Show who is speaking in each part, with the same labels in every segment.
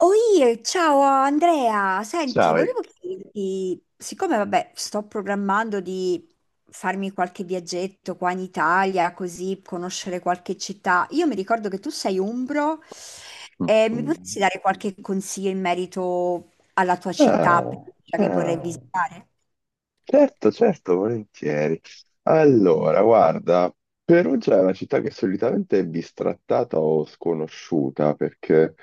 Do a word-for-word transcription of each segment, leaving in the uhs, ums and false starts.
Speaker 1: Oi, ciao Andrea, senti,
Speaker 2: Sabe.
Speaker 1: volevo chiederti, siccome vabbè, sto programmando di farmi qualche viaggetto qua in Italia, così conoscere qualche città. Io mi ricordo che tu sei umbro, e mi
Speaker 2: Mm.
Speaker 1: potresti dare qualche consiglio in merito alla tua città
Speaker 2: Ah,
Speaker 1: preferita che vorrei
Speaker 2: ah.
Speaker 1: visitare?
Speaker 2: Certo, certo, volentieri. Allora, guarda, Perugia è una città che solitamente è bistrattata o sconosciuta, perché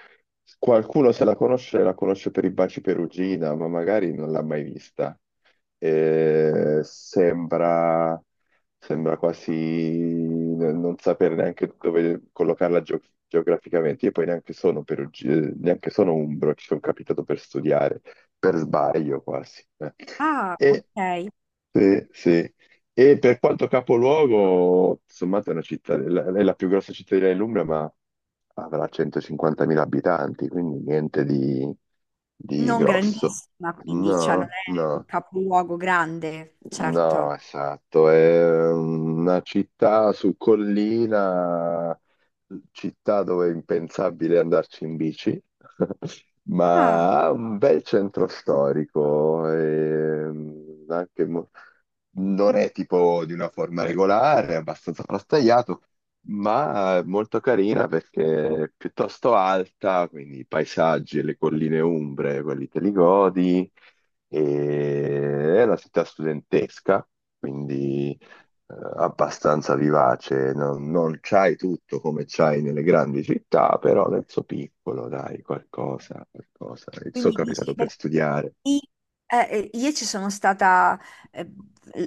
Speaker 2: qualcuno se la conosce, la conosce per i baci Perugina, ma magari non l'ha mai vista. Eh, sembra, Sembra quasi n- non sapere neanche dove collocarla geo- geograficamente. Io poi neanche sono perugino, neanche sono umbro, ci sono capitato per studiare per sbaglio quasi. eh.
Speaker 1: Ah,
Speaker 2: E,
Speaker 1: ok.
Speaker 2: sì, sì. E per quanto capoluogo, sommato è una città, è la è la più grossa cittadina dell'Umbria, ma avrà centocinquantamila abitanti, quindi niente di, di
Speaker 1: Non
Speaker 2: grosso.
Speaker 1: grandissima, quindi, cioè non
Speaker 2: No,
Speaker 1: è un
Speaker 2: no.
Speaker 1: capoluogo grande,
Speaker 2: No,
Speaker 1: certo.
Speaker 2: esatto, è una città su collina, città dove è impensabile andarci in bici,
Speaker 1: Ah.
Speaker 2: ma ha un bel centro storico, e anche mo- non è tipo di una forma regolare, è abbastanza frastagliato, ma è molto carina perché è piuttosto alta, quindi i paesaggi e le colline umbre, quelli te li godi e è una città studentesca, quindi eh, abbastanza vivace, non, non c'hai tutto come c'hai nelle grandi città, però nel suo piccolo, dai, qualcosa, qualcosa. Sono
Speaker 1: Quindi dici,
Speaker 2: capitato per
Speaker 1: perché
Speaker 2: studiare.
Speaker 1: i- eh, eh, io ci sono stata, eh,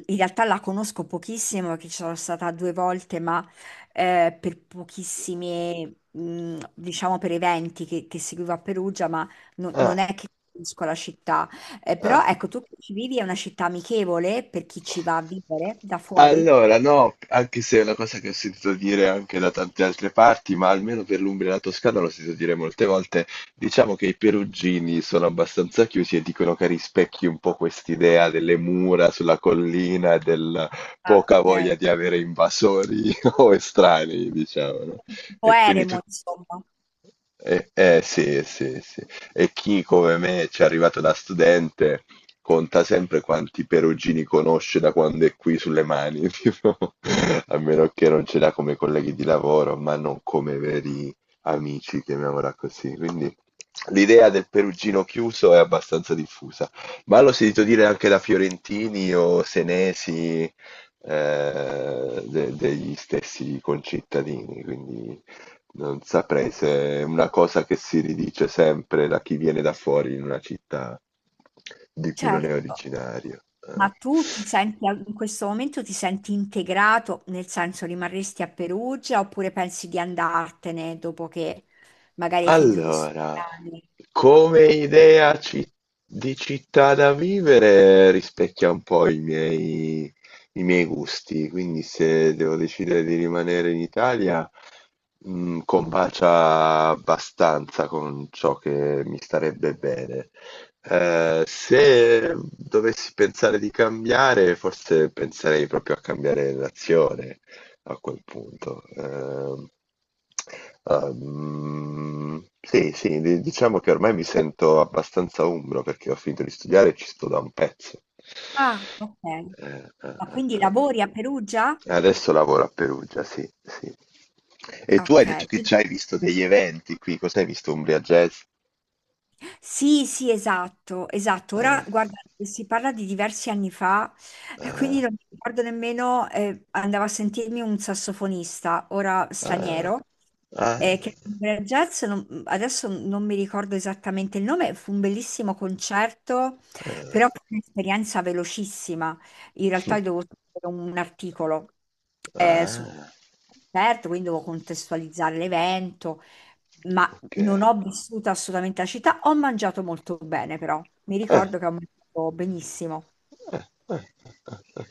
Speaker 1: in realtà la conosco pochissimo, perché ci sono stata due volte, ma eh, per pochissimi, mh, diciamo per eventi che, che seguivo a Perugia, ma no-
Speaker 2: Eh,
Speaker 1: non è che conosco la città. Eh,
Speaker 2: eh.
Speaker 1: però ecco, tu che ci vivi, è una città amichevole per chi ci va a vivere da fuori?
Speaker 2: Allora, no, anche se è una cosa che ho sentito dire anche da tante altre parti, ma almeno per l'Umbria e la Toscana l'ho sentito dire molte volte, diciamo che i perugini sono abbastanza chiusi e dicono che rispecchi un po' quest'idea delle mura sulla collina e del
Speaker 1: Ah,
Speaker 2: poca
Speaker 1: ok.
Speaker 2: voglia di avere invasori o estranei, diciamo, no?
Speaker 1: Un po'
Speaker 2: E quindi
Speaker 1: eremo,
Speaker 2: tu-
Speaker 1: insomma.
Speaker 2: eh, eh, sì, sì, sì. E chi come me ci è arrivato da studente conta sempre quanti perugini conosce da quando è qui sulle mani, tipo, a meno che non ce l'ha come colleghi di lavoro, ma non come veri amici, chiamiamola così. Quindi l'idea del perugino chiuso è abbastanza diffusa, ma l'ho sentito dire anche da fiorentini o senesi, eh, de- degli stessi concittadini, quindi non saprei se è una cosa che si ridice sempre da chi viene da fuori in una città di cui non è
Speaker 1: Certo.
Speaker 2: originario. Eh.
Speaker 1: Ma tu ti senti al- in questo momento ti senti integrato, nel senso rimarresti a Perugia oppure pensi di andartene dopo che magari hai finito di
Speaker 2: Allora,
Speaker 1: studiare?
Speaker 2: come idea ci- di città da vivere rispecchia un po' i miei, i miei gusti, quindi se devo decidere di rimanere in Italia, mh, combacia abbastanza con ciò che mi starebbe bene. Eh, se dovessi pensare di cambiare, forse penserei proprio a cambiare nazione a quel punto. Ehm, ehm, sì, sì, di- diciamo che ormai mi sento abbastanza umbro perché ho finito di studiare e ci sto da un pezzo.
Speaker 1: Ah, ok.
Speaker 2: Eh, eh,
Speaker 1: Ma
Speaker 2: eh,
Speaker 1: quindi
Speaker 2: eh.
Speaker 1: lavori a Perugia?
Speaker 2: Adesso lavoro a Perugia, sì, sì. E tu hai
Speaker 1: Ok.
Speaker 2: detto che ci hai visto degli eventi qui, cos'hai visto? Umbria Jazz?
Speaker 1: Sì, sì, esatto, esatto.
Speaker 2: Ah,
Speaker 1: Ora, guarda, si parla di diversi anni fa, e
Speaker 2: ah,
Speaker 1: quindi non mi ricordo nemmeno, eh, andavo a sentirmi un sassofonista, ora
Speaker 2: ah,
Speaker 1: straniero,
Speaker 2: ah,
Speaker 1: eh, che era jazz, non- mhmm, adesso non mi ricordo esattamente il nome, fu un bellissimo concerto, però
Speaker 2: ah,
Speaker 1: fu un'esperienza velocissima. In realtà
Speaker 2: hm,
Speaker 1: io dovevo scrivere un articolo eh, su un
Speaker 2: ah,
Speaker 1: concerto, quindi dovevo contestualizzare l'evento. Ma
Speaker 2: ok.
Speaker 1: non ho vissuto assolutamente la città, ho mangiato molto bene però, mi
Speaker 2: Eh,
Speaker 1: ricordo che ho mangiato benissimo,
Speaker 2: eh, eh, eh, eh.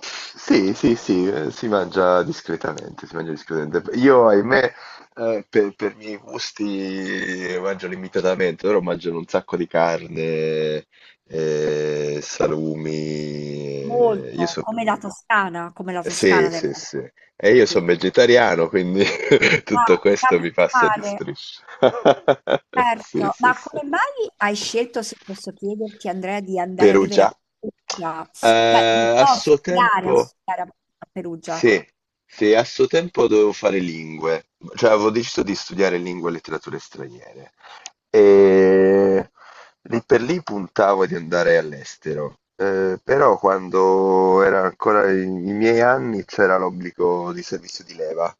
Speaker 2: Sì, sì, sì, eh, si mangia discretamente, si mangia discretamente. Io, ahimè, eh, per, per i miei gusti mangio limitatamente, loro mangiano un sacco di carne, eh, salumi. Eh, Io
Speaker 1: molto,
Speaker 2: sono
Speaker 1: come la Toscana, come la
Speaker 2: sì,
Speaker 1: Toscana del
Speaker 2: sì, sì. E io sono
Speaker 1: sì.
Speaker 2: vegetariano, quindi tutto
Speaker 1: Ah,
Speaker 2: questo mi passa di
Speaker 1: capitale,
Speaker 2: striscia. Sì,
Speaker 1: certo,
Speaker 2: sì,
Speaker 1: ma
Speaker 2: sì.
Speaker 1: come mai hai scelto, se posso chiederti Andrea, di andare a vivere
Speaker 2: Perugia.
Speaker 1: a Perugia? Sì, cioè, no,
Speaker 2: Eh, a
Speaker 1: a
Speaker 2: suo
Speaker 1: studiare, a
Speaker 2: tempo
Speaker 1: studiare a Perugia,
Speaker 2: sì, sì, a suo tempo dovevo fare lingue, cioè avevo deciso di studiare lingue e letterature straniere e lì per lì puntavo di andare all'estero. Eh, però quando era ancora i, i miei anni c'era l'obbligo di servizio di leva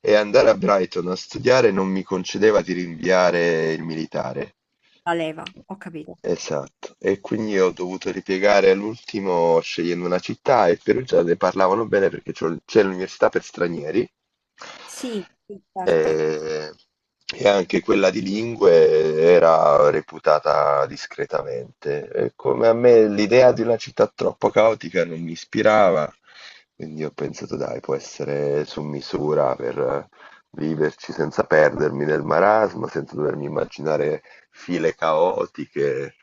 Speaker 2: e andare a Brighton a studiare non mi concedeva di rinviare il militare.
Speaker 1: la leva, ho capito.
Speaker 2: Esatto, e quindi ho dovuto ripiegare all'ultimo scegliendo una città e Perugia ne parlavano bene perché c'ho- c'è l'università per stranieri
Speaker 1: Sì, sì, certo.
Speaker 2: e, e anche quella di lingue era reputata discretamente. E come a me l'idea di una città troppo caotica non mi ispirava, quindi ho pensato dai, può essere su misura per viverci senza perdermi nel marasma, senza dovermi immaginare file caotiche,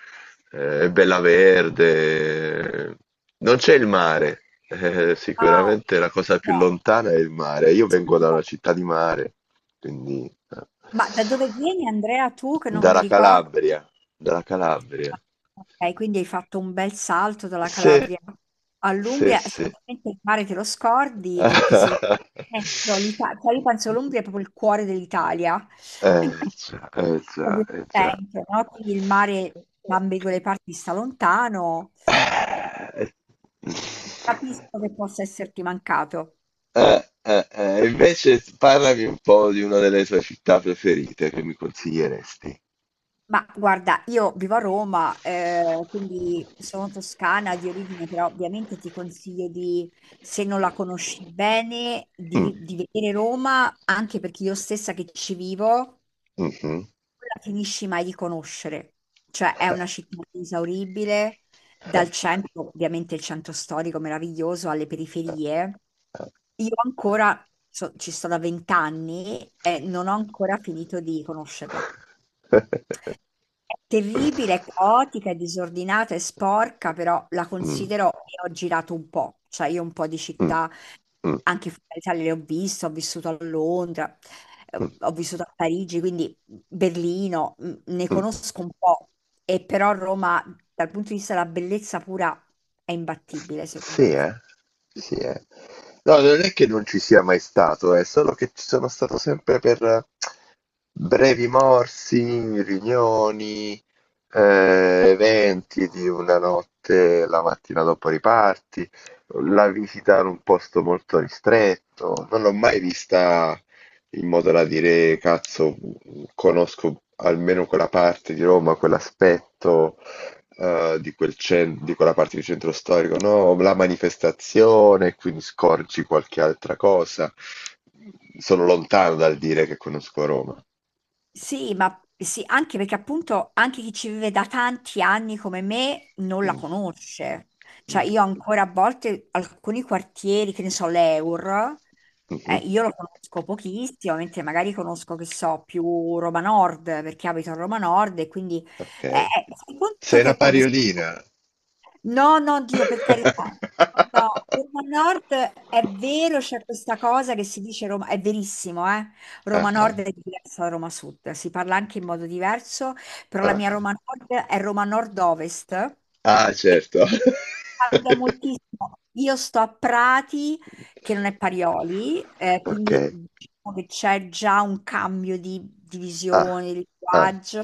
Speaker 2: eh, bella verde. Non c'è il mare, eh,
Speaker 1: Ah,
Speaker 2: sicuramente la cosa più
Speaker 1: no.
Speaker 2: lontana è il mare. Io vengo da una città di mare, quindi eh,
Speaker 1: Ma da dove vieni Andrea tu che non mi
Speaker 2: dalla
Speaker 1: ricordo?
Speaker 2: Calabria, dalla Calabria.
Speaker 1: Ok, quindi hai fatto un bel salto dalla
Speaker 2: Sì,
Speaker 1: Calabria
Speaker 2: sì,
Speaker 1: all'Umbria.
Speaker 2: sì.
Speaker 1: Sicuramente il mare te lo scordi perché se lo eh, però l'Ita- cioè, io penso l'Umbria è proprio il cuore dell'Italia,
Speaker 2: Eh già, eh
Speaker 1: proprio
Speaker 2: già,
Speaker 1: il
Speaker 2: eh già.
Speaker 1: centro, no? Quindi il mare da ambedue le parti sta lontano. Capisco che possa esserti mancato.
Speaker 2: Eh, eh, eh, invece parlami un po' di una delle tue città preferite che mi consiglieresti.
Speaker 1: Ma guarda, io vivo a Roma, eh, quindi sono toscana di origine, però ovviamente ti consiglio di, se non la conosci bene, di,
Speaker 2: Mm,
Speaker 1: vi- di vedere Roma, anche perché io stessa che ci vivo, non
Speaker 2: mhm.
Speaker 1: la finisci mai di conoscere. Cioè è una città inesauribile, dal centro, ovviamente il centro storico meraviglioso, alle periferie. Io ancora, so- ci sto da vent'anni e non ho ancora finito di conoscerla. Terribile, è caotica, è disordinata, è sporca, però la
Speaker 2: Mm,
Speaker 1: considero e ho girato un po', cioè io un po' di
Speaker 2: mm,
Speaker 1: città,
Speaker 2: mm,
Speaker 1: anche fuori dall'Italia le ho viste, ho vissuto a Londra, eh,
Speaker 2: mm,
Speaker 1: ho vissuto a Parigi, quindi Berlino, mh, ne
Speaker 2: mm.
Speaker 1: conosco un po', e però Roma dal punto di vista della bellezza pura è imbattibile secondo
Speaker 2: Sì,
Speaker 1: me.
Speaker 2: eh? Sì, eh. No, non è che non ci sia mai stato, è solo che ci sono stato sempre per eh, brevi morsi, riunioni, eh, eventi di una notte, la mattina dopo riparti, la visita in un posto molto ristretto. Non l'ho mai vista in modo da dire, cazzo, conosco almeno quella parte di Roma, quell'aspetto eh, di quel cen- di quella parte di centro storico, no? La manifestazione, quindi scorgi qualche altra cosa. Sono lontano dal dire che conosco Roma.
Speaker 1: Sì, ma sì, anche perché appunto anche chi ci vive da tanti anni come me non la
Speaker 2: Mm,
Speaker 1: conosce. Cioè
Speaker 2: mm,
Speaker 1: io ancora a volte alcuni quartieri, che ne so, l'Eur,
Speaker 2: mhm,
Speaker 1: eh, io lo conosco pochissimo, mentre magari conosco, che so, più Roma Nord, perché abito a Roma Nord e quindi eh,
Speaker 2: ok.
Speaker 1: eh, fai conto
Speaker 2: Sei
Speaker 1: che
Speaker 2: una
Speaker 1: è come se.
Speaker 2: pariolina.
Speaker 1: No, no, Dio, per carità. No, Roma Nord è vero, c'è questa cosa che si dice Roma, è verissimo, eh?
Speaker 2: Ah,
Speaker 1: Roma
Speaker 2: ah,
Speaker 1: Nord è diversa da Roma Sud, si parla anche in modo diverso, però la mia
Speaker 2: ah.
Speaker 1: Roma Nord è Roma Nord-Ovest.
Speaker 2: Ah, certo.
Speaker 1: Cambia moltissimo. Io sto a Prati, che non è Parioli, eh,
Speaker 2: Ok.
Speaker 1: quindi diciamo che c'è già un cambio di, di
Speaker 2: Ah,
Speaker 1: visione, di
Speaker 2: ah,
Speaker 1: linguaggio.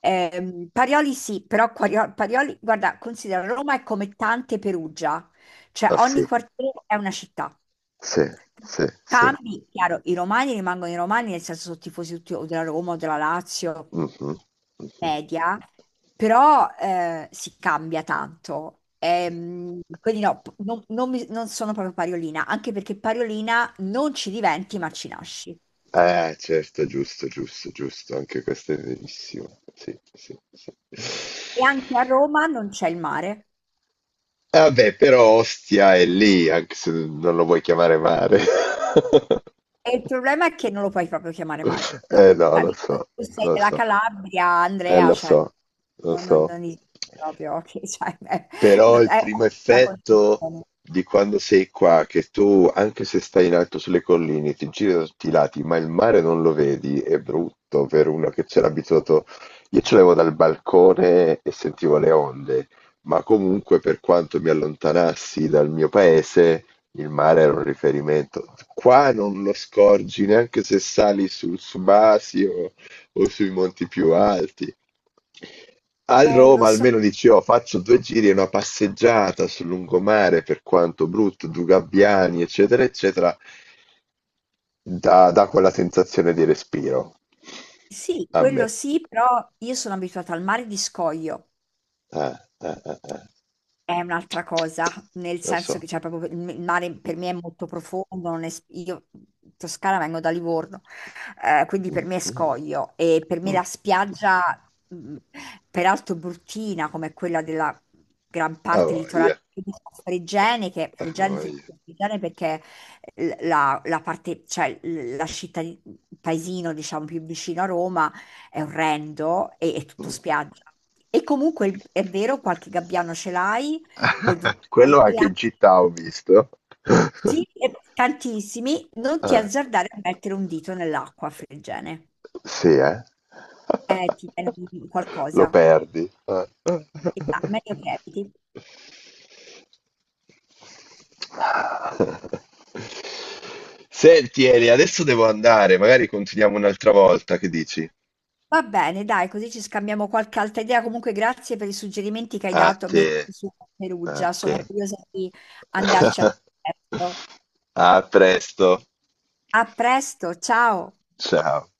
Speaker 1: Ehm, Parioli sì, però Quario- Parioli, guarda, considera Roma è come tante Perugia, cioè
Speaker 2: ah, sì,
Speaker 1: ogni quartiere è una città.
Speaker 2: sì, sì, sì.
Speaker 1: Cambi, chiaro, i romani rimangono i romani, nel senso sono tifosi tutti o della Roma o della Lazio,
Speaker 2: Mh-mh, mh-mh.
Speaker 1: media, però eh, si cambia tanto. Ehm, quindi no, p- non, non mi- non sono proprio Pariolina, anche perché Pariolina non ci diventi, ma ci nasci.
Speaker 2: Eh certo, giusto, giusto, giusto, anche questo è verissimo. Sì, sì, sì.
Speaker 1: E anche a Roma non c'è il mare.
Speaker 2: E vabbè, però Ostia è lì, anche se non lo vuoi chiamare mare.
Speaker 1: E il problema è che non lo puoi proprio chiamare mare. No,
Speaker 2: Eh no,
Speaker 1: cioè,
Speaker 2: lo so,
Speaker 1: tu sei
Speaker 2: lo
Speaker 1: della
Speaker 2: so.
Speaker 1: Calabria,
Speaker 2: Eh
Speaker 1: Andrea,
Speaker 2: lo
Speaker 1: cioè,
Speaker 2: so, lo
Speaker 1: non,
Speaker 2: so.
Speaker 1: non, non esiste proprio, che- cioè, è, no,
Speaker 2: Però il
Speaker 1: è
Speaker 2: primo
Speaker 1: una
Speaker 2: effetto
Speaker 1: concezione.
Speaker 2: di quando sei qua, che tu, anche se stai in alto sulle colline, ti giri da tutti i lati, ma il mare non lo vedi, è brutto per uno che c'era abituato. Io ce l'avevo dal balcone e sentivo le onde, ma comunque per quanto mi allontanassi dal mio paese, il mare era un riferimento. Qua non lo scorgi neanche se sali sul Subasio o sui monti più alti. A
Speaker 1: Eh, lo
Speaker 2: Roma
Speaker 1: so,
Speaker 2: almeno dici, "Oh, faccio due giri e una passeggiata sul lungomare, per quanto brutto, due gabbiani, eccetera, eccetera, dà, dà quella sensazione di respiro.
Speaker 1: sì,
Speaker 2: A me."
Speaker 1: quello sì, però io sono abituata al mare di scoglio.
Speaker 2: Eh, eh, eh, eh.
Speaker 1: È un'altra cosa, nel
Speaker 2: Lo
Speaker 1: senso
Speaker 2: so.
Speaker 1: che c'è proprio il il mare, per me è molto profondo, non es- io in Toscana vengo da Livorno, eh, quindi per
Speaker 2: Mm,
Speaker 1: me è
Speaker 2: mm,
Speaker 1: scoglio e per me
Speaker 2: mm.
Speaker 1: la spiaggia, mh, peraltro bruttina come quella della gran
Speaker 2: A
Speaker 1: parte litorale
Speaker 2: voglia,
Speaker 1: di Fregene, che
Speaker 2: a
Speaker 1: Fregene, se
Speaker 2: voglia.
Speaker 1: non Fregene perché l- la, la parte, cioè l- la città, il paesino diciamo più vicino a Roma è orrendo e è tutto
Speaker 2: Mm.
Speaker 1: spiaggia. E comunque il- è vero, qualche gabbiano ce l'hai, o due
Speaker 2: Quello anche
Speaker 1: calcolare.
Speaker 2: in città ho visto.
Speaker 1: Sì, e tantissimi, non ti
Speaker 2: Eh.
Speaker 1: azzardare a mettere un dito nell'acqua friggene.
Speaker 2: Sì, eh?
Speaker 1: Eh, ti viene un-
Speaker 2: Lo
Speaker 1: qualcosa.
Speaker 2: perdi. Eh.
Speaker 1: Ah, meglio eviti.
Speaker 2: Senti, Eli, adesso devo andare, magari continuiamo un'altra volta, che dici?
Speaker 1: Va bene, dai, così ci scambiamo qualche altra idea. Comunque, grazie per i suggerimenti che hai
Speaker 2: A
Speaker 1: dato, mi
Speaker 2: te,
Speaker 1: hai dato su
Speaker 2: a
Speaker 1: Perugia.
Speaker 2: te.
Speaker 1: Sono curiosa di andarci al presto.
Speaker 2: A presto.
Speaker 1: A presto, ciao!
Speaker 2: Ciao.